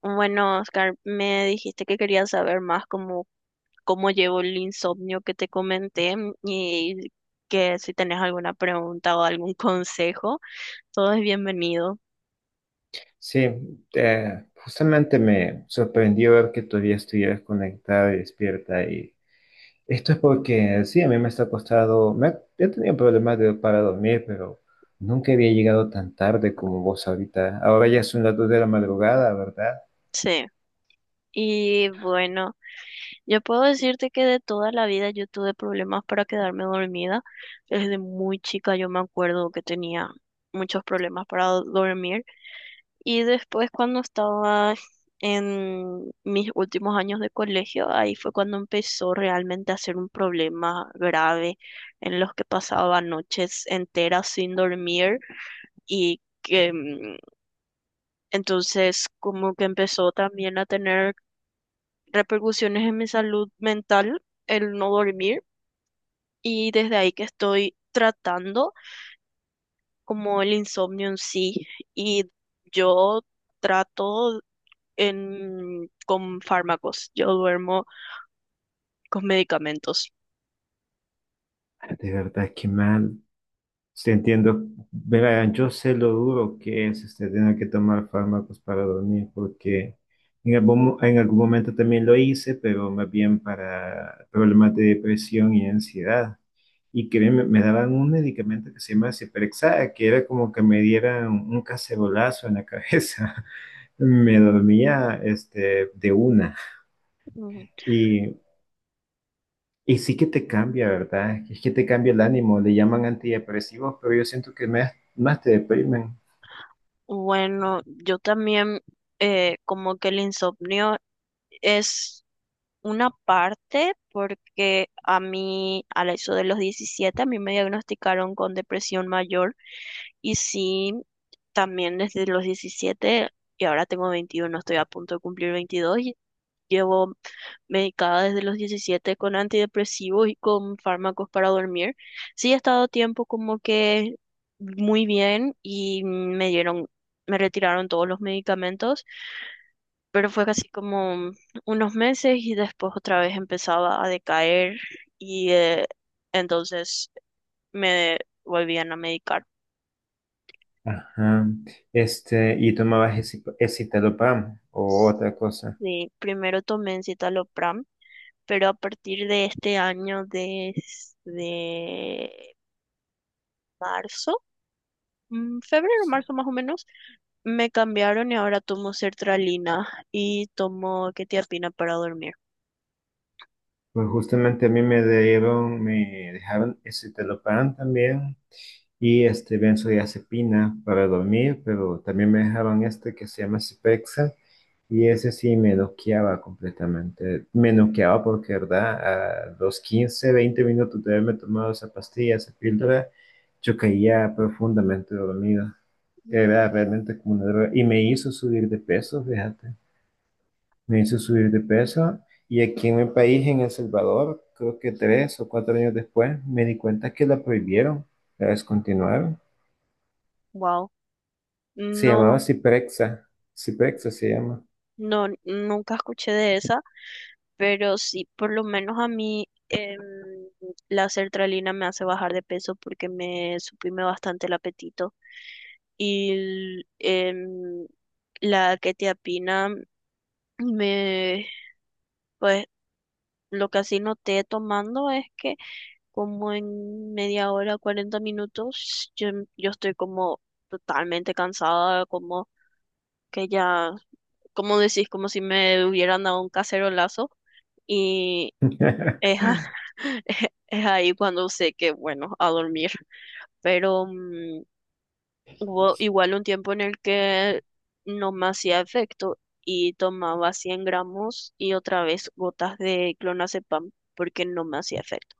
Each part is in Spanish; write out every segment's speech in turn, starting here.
Bueno, Oscar, me dijiste que querías saber más cómo llevo el insomnio que te comenté y que si tenés alguna pregunta o algún consejo, todo es bienvenido. Sí, justamente me sorprendió ver que todavía estuvieras conectada y despierta. Y esto es porque, sí, a mí me está costado, he tenido problemas para dormir, pero nunca había llegado tan tarde como vos ahorita. Ahora ya son las 2 de la madrugada, ¿verdad? Sí. Y bueno, yo puedo decirte que de toda la vida yo tuve problemas para quedarme dormida. Desde muy chica yo me acuerdo que tenía muchos problemas para dormir. Y después cuando estaba en mis últimos años de colegio, ahí fue cuando empezó realmente a ser un problema grave en los que pasaba noches enteras sin dormir y que entonces como que empezó también a tener repercusiones en mi salud mental el no dormir, y desde ahí que estoy tratando como el insomnio en sí. Y yo trato en, con fármacos, yo duermo con medicamentos. De verdad, qué mal. Sí, entiendo. Verán, yo sé lo duro que es este, tener que tomar fármacos para dormir, porque en algún momento también lo hice, pero más bien para problemas de depresión y ansiedad. Y créeme, me daban un medicamento que se llama Ciprexa, que era como que me dieran un cacerolazo en la cabeza. Me dormía este, de una. Ujú. Y, y sí que te cambia, ¿verdad? Es que te cambia el ánimo. Le llaman antidepresivos, pero yo siento que más te deprimen. Bueno, yo también como que el insomnio es una parte porque a mí, eso de los 17 a mí me diagnosticaron con depresión mayor, y sí, también desde los 17. Y ahora tengo 21, estoy a punto de cumplir 22, y llevo medicada desde los 17 con antidepresivos y con fármacos para dormir. Sí, he estado tiempo como que muy bien y me dieron, me retiraron todos los medicamentos, pero fue casi como unos meses y después otra vez empezaba a decaer y entonces me volvían a medicar. Ajá. Este, ¿y tomabas escitalopram o otra cosa? Sí, primero tomé citalopram, pero a partir de este año, desde marzo, febrero, marzo más o menos, me cambiaron y ahora tomo sertralina y tomo quetiapina para dormir. Pues justamente a mí me dieron, me dejaron escitalopram también y este benzodiazepina para dormir, pero también me dejaron este que se llama Cipexa y ese sí me noqueaba completamente. Me noqueaba porque, ¿verdad? A los 15 20 minutos de haberme tomado esa pastilla, esa píldora, yo caía profundamente dormido. Mm. Era realmente como una droga y me hizo subir de peso, fíjate. Me hizo subir de peso y aquí en mi país, en El Salvador, creo que 3 o 4 años después, me di cuenta que la prohibieron, la Oh. descontinuaron. Wow. Se No, llamaba Ciprexa, Ciprexa se llama. no, nunca escuché de esa, pero sí, por lo menos a mí la sertralina me hace bajar de peso porque me suprime bastante el apetito. Y la quetiapina me, pues, lo que así noté tomando es que como en media hora, 40 minutos, yo, yo estoy como totalmente cansada, como que ya, como decís, como si me hubieran dado un cacerolazo. Y es, es ahí cuando sé que, bueno, a dormir. Pero hubo igual un tiempo en el que no me hacía efecto y tomaba 100 gramos y otra vez gotas de clonazepam porque no me hacía efecto.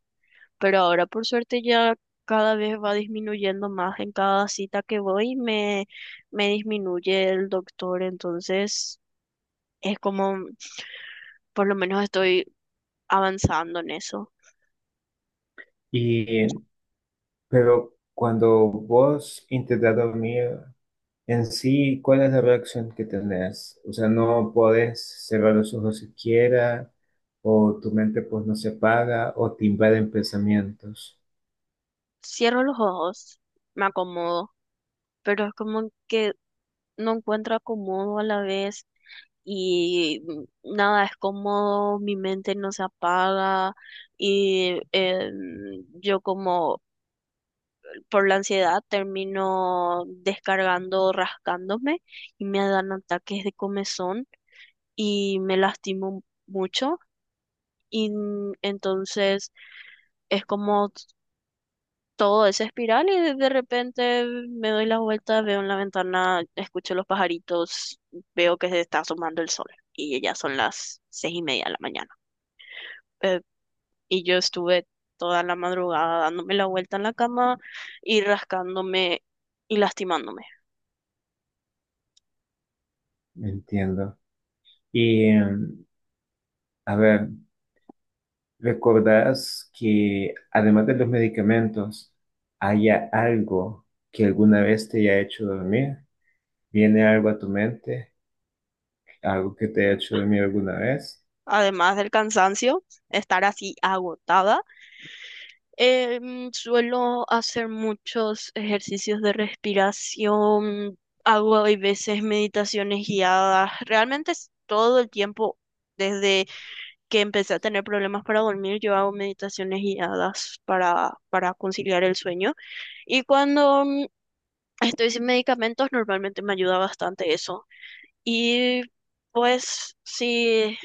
Pero ahora por suerte ya cada vez va disminuyendo más. En cada cita que voy me, me disminuye el doctor, entonces es como, por lo menos estoy avanzando en eso. Y, pero cuando vos intentas dormir en sí, ¿cuál es la reacción que tenés? O sea, no podés cerrar los ojos siquiera, o tu mente pues no se apaga, o te invaden pensamientos. Cierro los ojos, me acomodo, pero es como que no encuentro acomodo a la vez, y nada es cómodo, mi mente no se apaga, y yo como por la ansiedad termino descargando, rascándome, y me dan ataques de comezón y me lastimo mucho. Y entonces es como todo esa espiral. Y de repente me doy la vuelta, veo en la ventana, escucho los pajaritos, veo que se está asomando el sol, y ya son las 6:30 de la mañana. Eh, y yo estuve toda la madrugada dándome la vuelta en la cama y rascándome y lastimándome. Entiendo. Y, em, a ver, ¿recordás que además de los medicamentos, haya algo que alguna vez te haya hecho dormir? ¿Viene algo a tu mente? ¿Algo que te haya hecho dormir alguna vez? Además del cansancio, estar así agotada. Suelo hacer muchos ejercicios de respiración, hago a veces meditaciones guiadas. Realmente es todo el tiempo, desde que empecé a tener problemas para dormir, yo hago meditaciones guiadas para conciliar el sueño. Y cuando estoy sin medicamentos, normalmente me ayuda bastante eso. Y pues sí.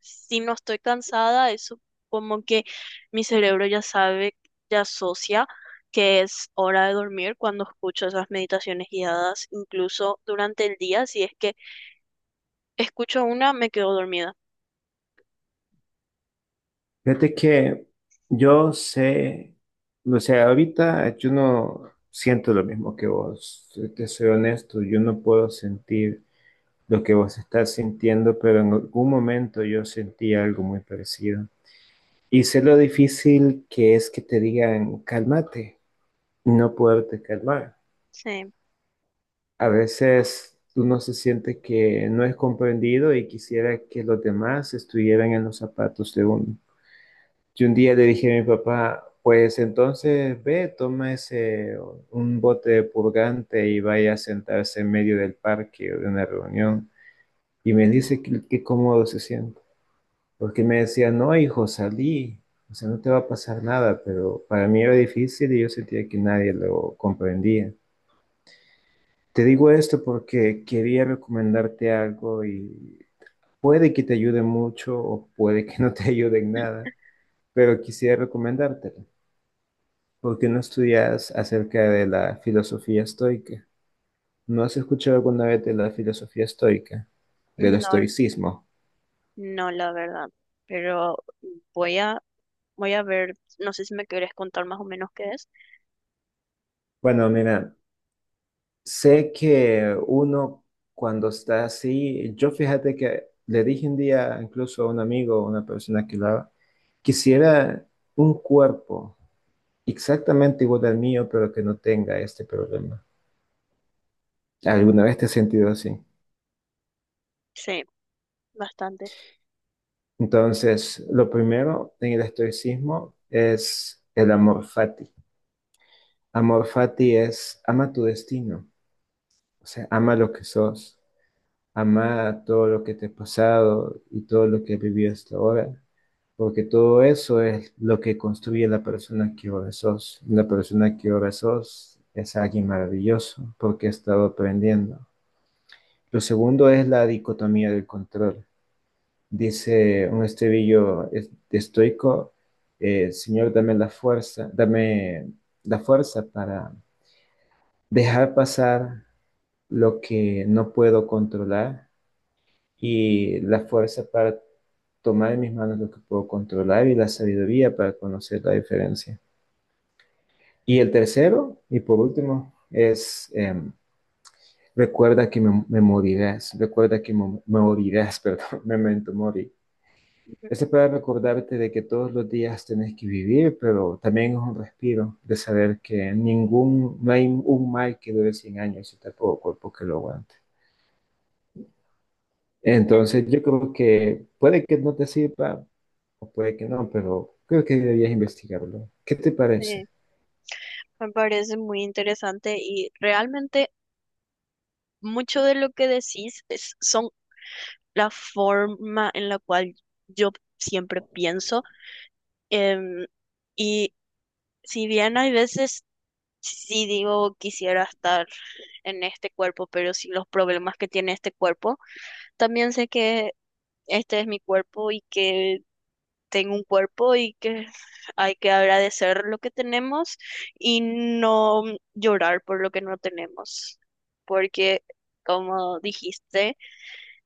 Si no estoy cansada, eso como que mi cerebro ya sabe, ya asocia que es hora de dormir cuando escucho esas meditaciones guiadas, incluso durante el día, si es que escucho una, me quedo dormida. Fíjate que yo sé, o sea, ahorita yo no siento lo mismo que vos. Te soy honesto, yo no puedo sentir lo que vos estás sintiendo, pero en algún momento yo sentí algo muy parecido. Y sé lo difícil que es que te digan, cálmate, y no poderte calmar. Sí, A veces uno se siente que no es comprendido y quisiera que los demás estuvieran en los zapatos de uno. Yo un día le dije a mi papá, pues entonces ve, toma ese, un bote de purgante y vaya a sentarse en medio del parque o de una reunión. Y me dice que qué cómodo se siente. Porque me decía, no, hijo, salí. O sea, no te va a pasar nada, pero para mí era difícil y yo sentía que nadie lo comprendía. Te digo esto porque quería recomendarte algo y puede que te ayude mucho o puede que no te ayude en nada, pero quisiera recomendártelo. ¿Porque no estudias acerca de la filosofía estoica? ¿No has escuchado alguna vez de la filosofía estoica, del no, estoicismo? no, la verdad, pero voy a, voy a ver, no sé si me querés contar más o menos qué es. Bueno, mira, sé que uno cuando está así, yo fíjate que le dije un día incluso a un amigo, a una persona que hablaba, quisiera un cuerpo exactamente igual al mío, pero que no tenga este problema. ¿Alguna vez te has sentido así? Sí, bastante. Entonces, lo primero en el estoicismo es el amor fati. Amor fati es ama tu destino, o sea, ama lo que sos, ama todo lo que te ha pasado y todo lo que has vivido hasta ahora, porque todo eso es lo que construye la persona que ahora sos. La persona que ahora sos es alguien maravilloso porque ha estado aprendiendo. Lo segundo es la dicotomía del control. Dice un estribillo estoico, Señor, dame la fuerza para dejar pasar lo que no puedo controlar y la fuerza para tomar en mis manos lo que puedo controlar y la sabiduría para conocer la diferencia. Y el tercero, y por último, es recuerda que morirás, perdón, memento mori. Ujú. Ese para recordarte de que todos los días tenés que vivir, pero también es un respiro de saber que ningún, no hay un mal que dure 100 años y tampoco cuerpo que lo aguante. Eh, Entonces, yo creo que puede que no te sirva o puede que no, pero creo que deberías investigarlo. ¿Qué te Sí, parece? me parece muy interesante, y realmente mucho de lo que decís es, son la forma en la cual yo siempre pienso. em, y si bien hay veces sí digo quisiera estar en este cuerpo, pero si los problemas que tiene este cuerpo, también sé que este es mi cuerpo y que tengo un cuerpo y que hay que agradecer lo que tenemos y no llorar por lo que no tenemos, porque, como dijiste,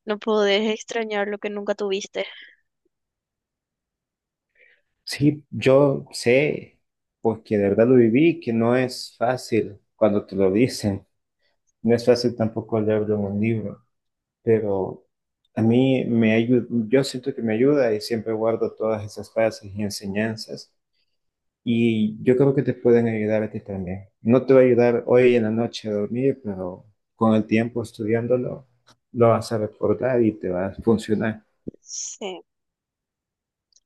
no podés extrañar lo que nunca tuviste. Sí, yo sé, porque de verdad lo viví, que no es fácil cuando te lo dicen. No es fácil tampoco leerlo en un libro, pero a mí me ayuda, yo siento que me ayuda y siempre guardo todas esas frases y enseñanzas y yo creo que te pueden ayudar a ti también. No te va a ayudar hoy en la noche a dormir, pero con el tiempo estudiándolo lo vas a recordar y te va a funcionar. Sí.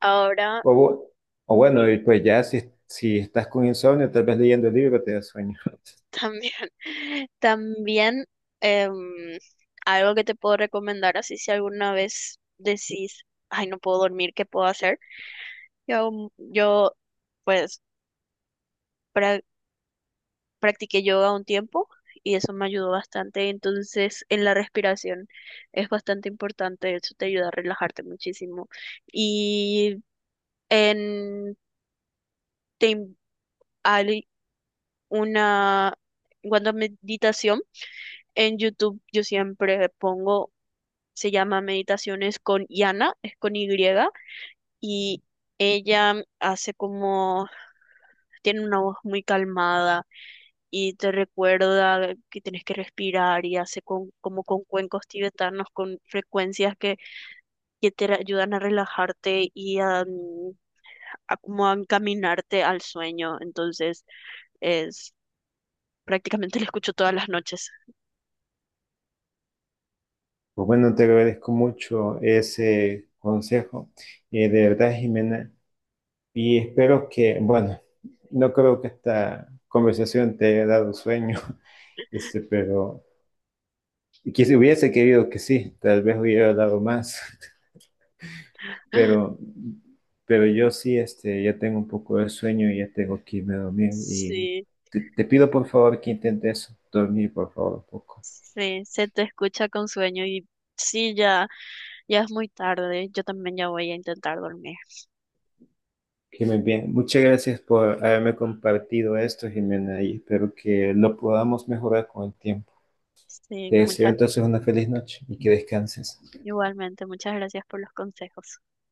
Ahora O, bu- o bueno, y y pues ya si estás con insomnio, tal vez leyendo el libro te da sueño. también, también em, algo que te puedo recomendar, así si alguna vez decís, ay, no puedo dormir, ¿qué puedo hacer? Yo pues pra- practiqué yoga un tiempo y eso me ayudó bastante. Entonces, en la respiración es bastante importante, eso te ayuda a relajarte muchísimo. Y en, te, in- hay una, cuando a meditación, en YouTube yo siempre pongo, se llama Meditaciones con Yana, es con Y, y ella hace como, tiene una voz muy calmada y te recuerda que tienes que respirar y hace con, como con cuencos tibetanos, con frecuencias que te ayudan a relajarte y a como a encaminarte al sueño. Entonces es prácticamente la escucho todas las noches. Pues bueno, te agradezco mucho ese consejo. De verdad, Jimena. Y espero que, bueno, no creo que esta conversación te haya dado sueño, este, pero quise hubiese querido que sí, tal vez hubiera dado más, pero, pero yo sí, este, ya tengo un poco de sueño y ya tengo que irme a dormir y Sí. Te pido por favor que intentes dormir por favor un poco. Sí, se te escucha con sueño, y sí, ya, ya es muy tarde. Yo también ya voy a intentar dormir. Que me bien. Muchas gracias por haberme compartido esto, Jimena, y espero que lo podamos mejorar con el tiempo. Sí, Te deseo muchas, entonces una feliz noche y que descanses. igualmente, muchas gracias por los consejos.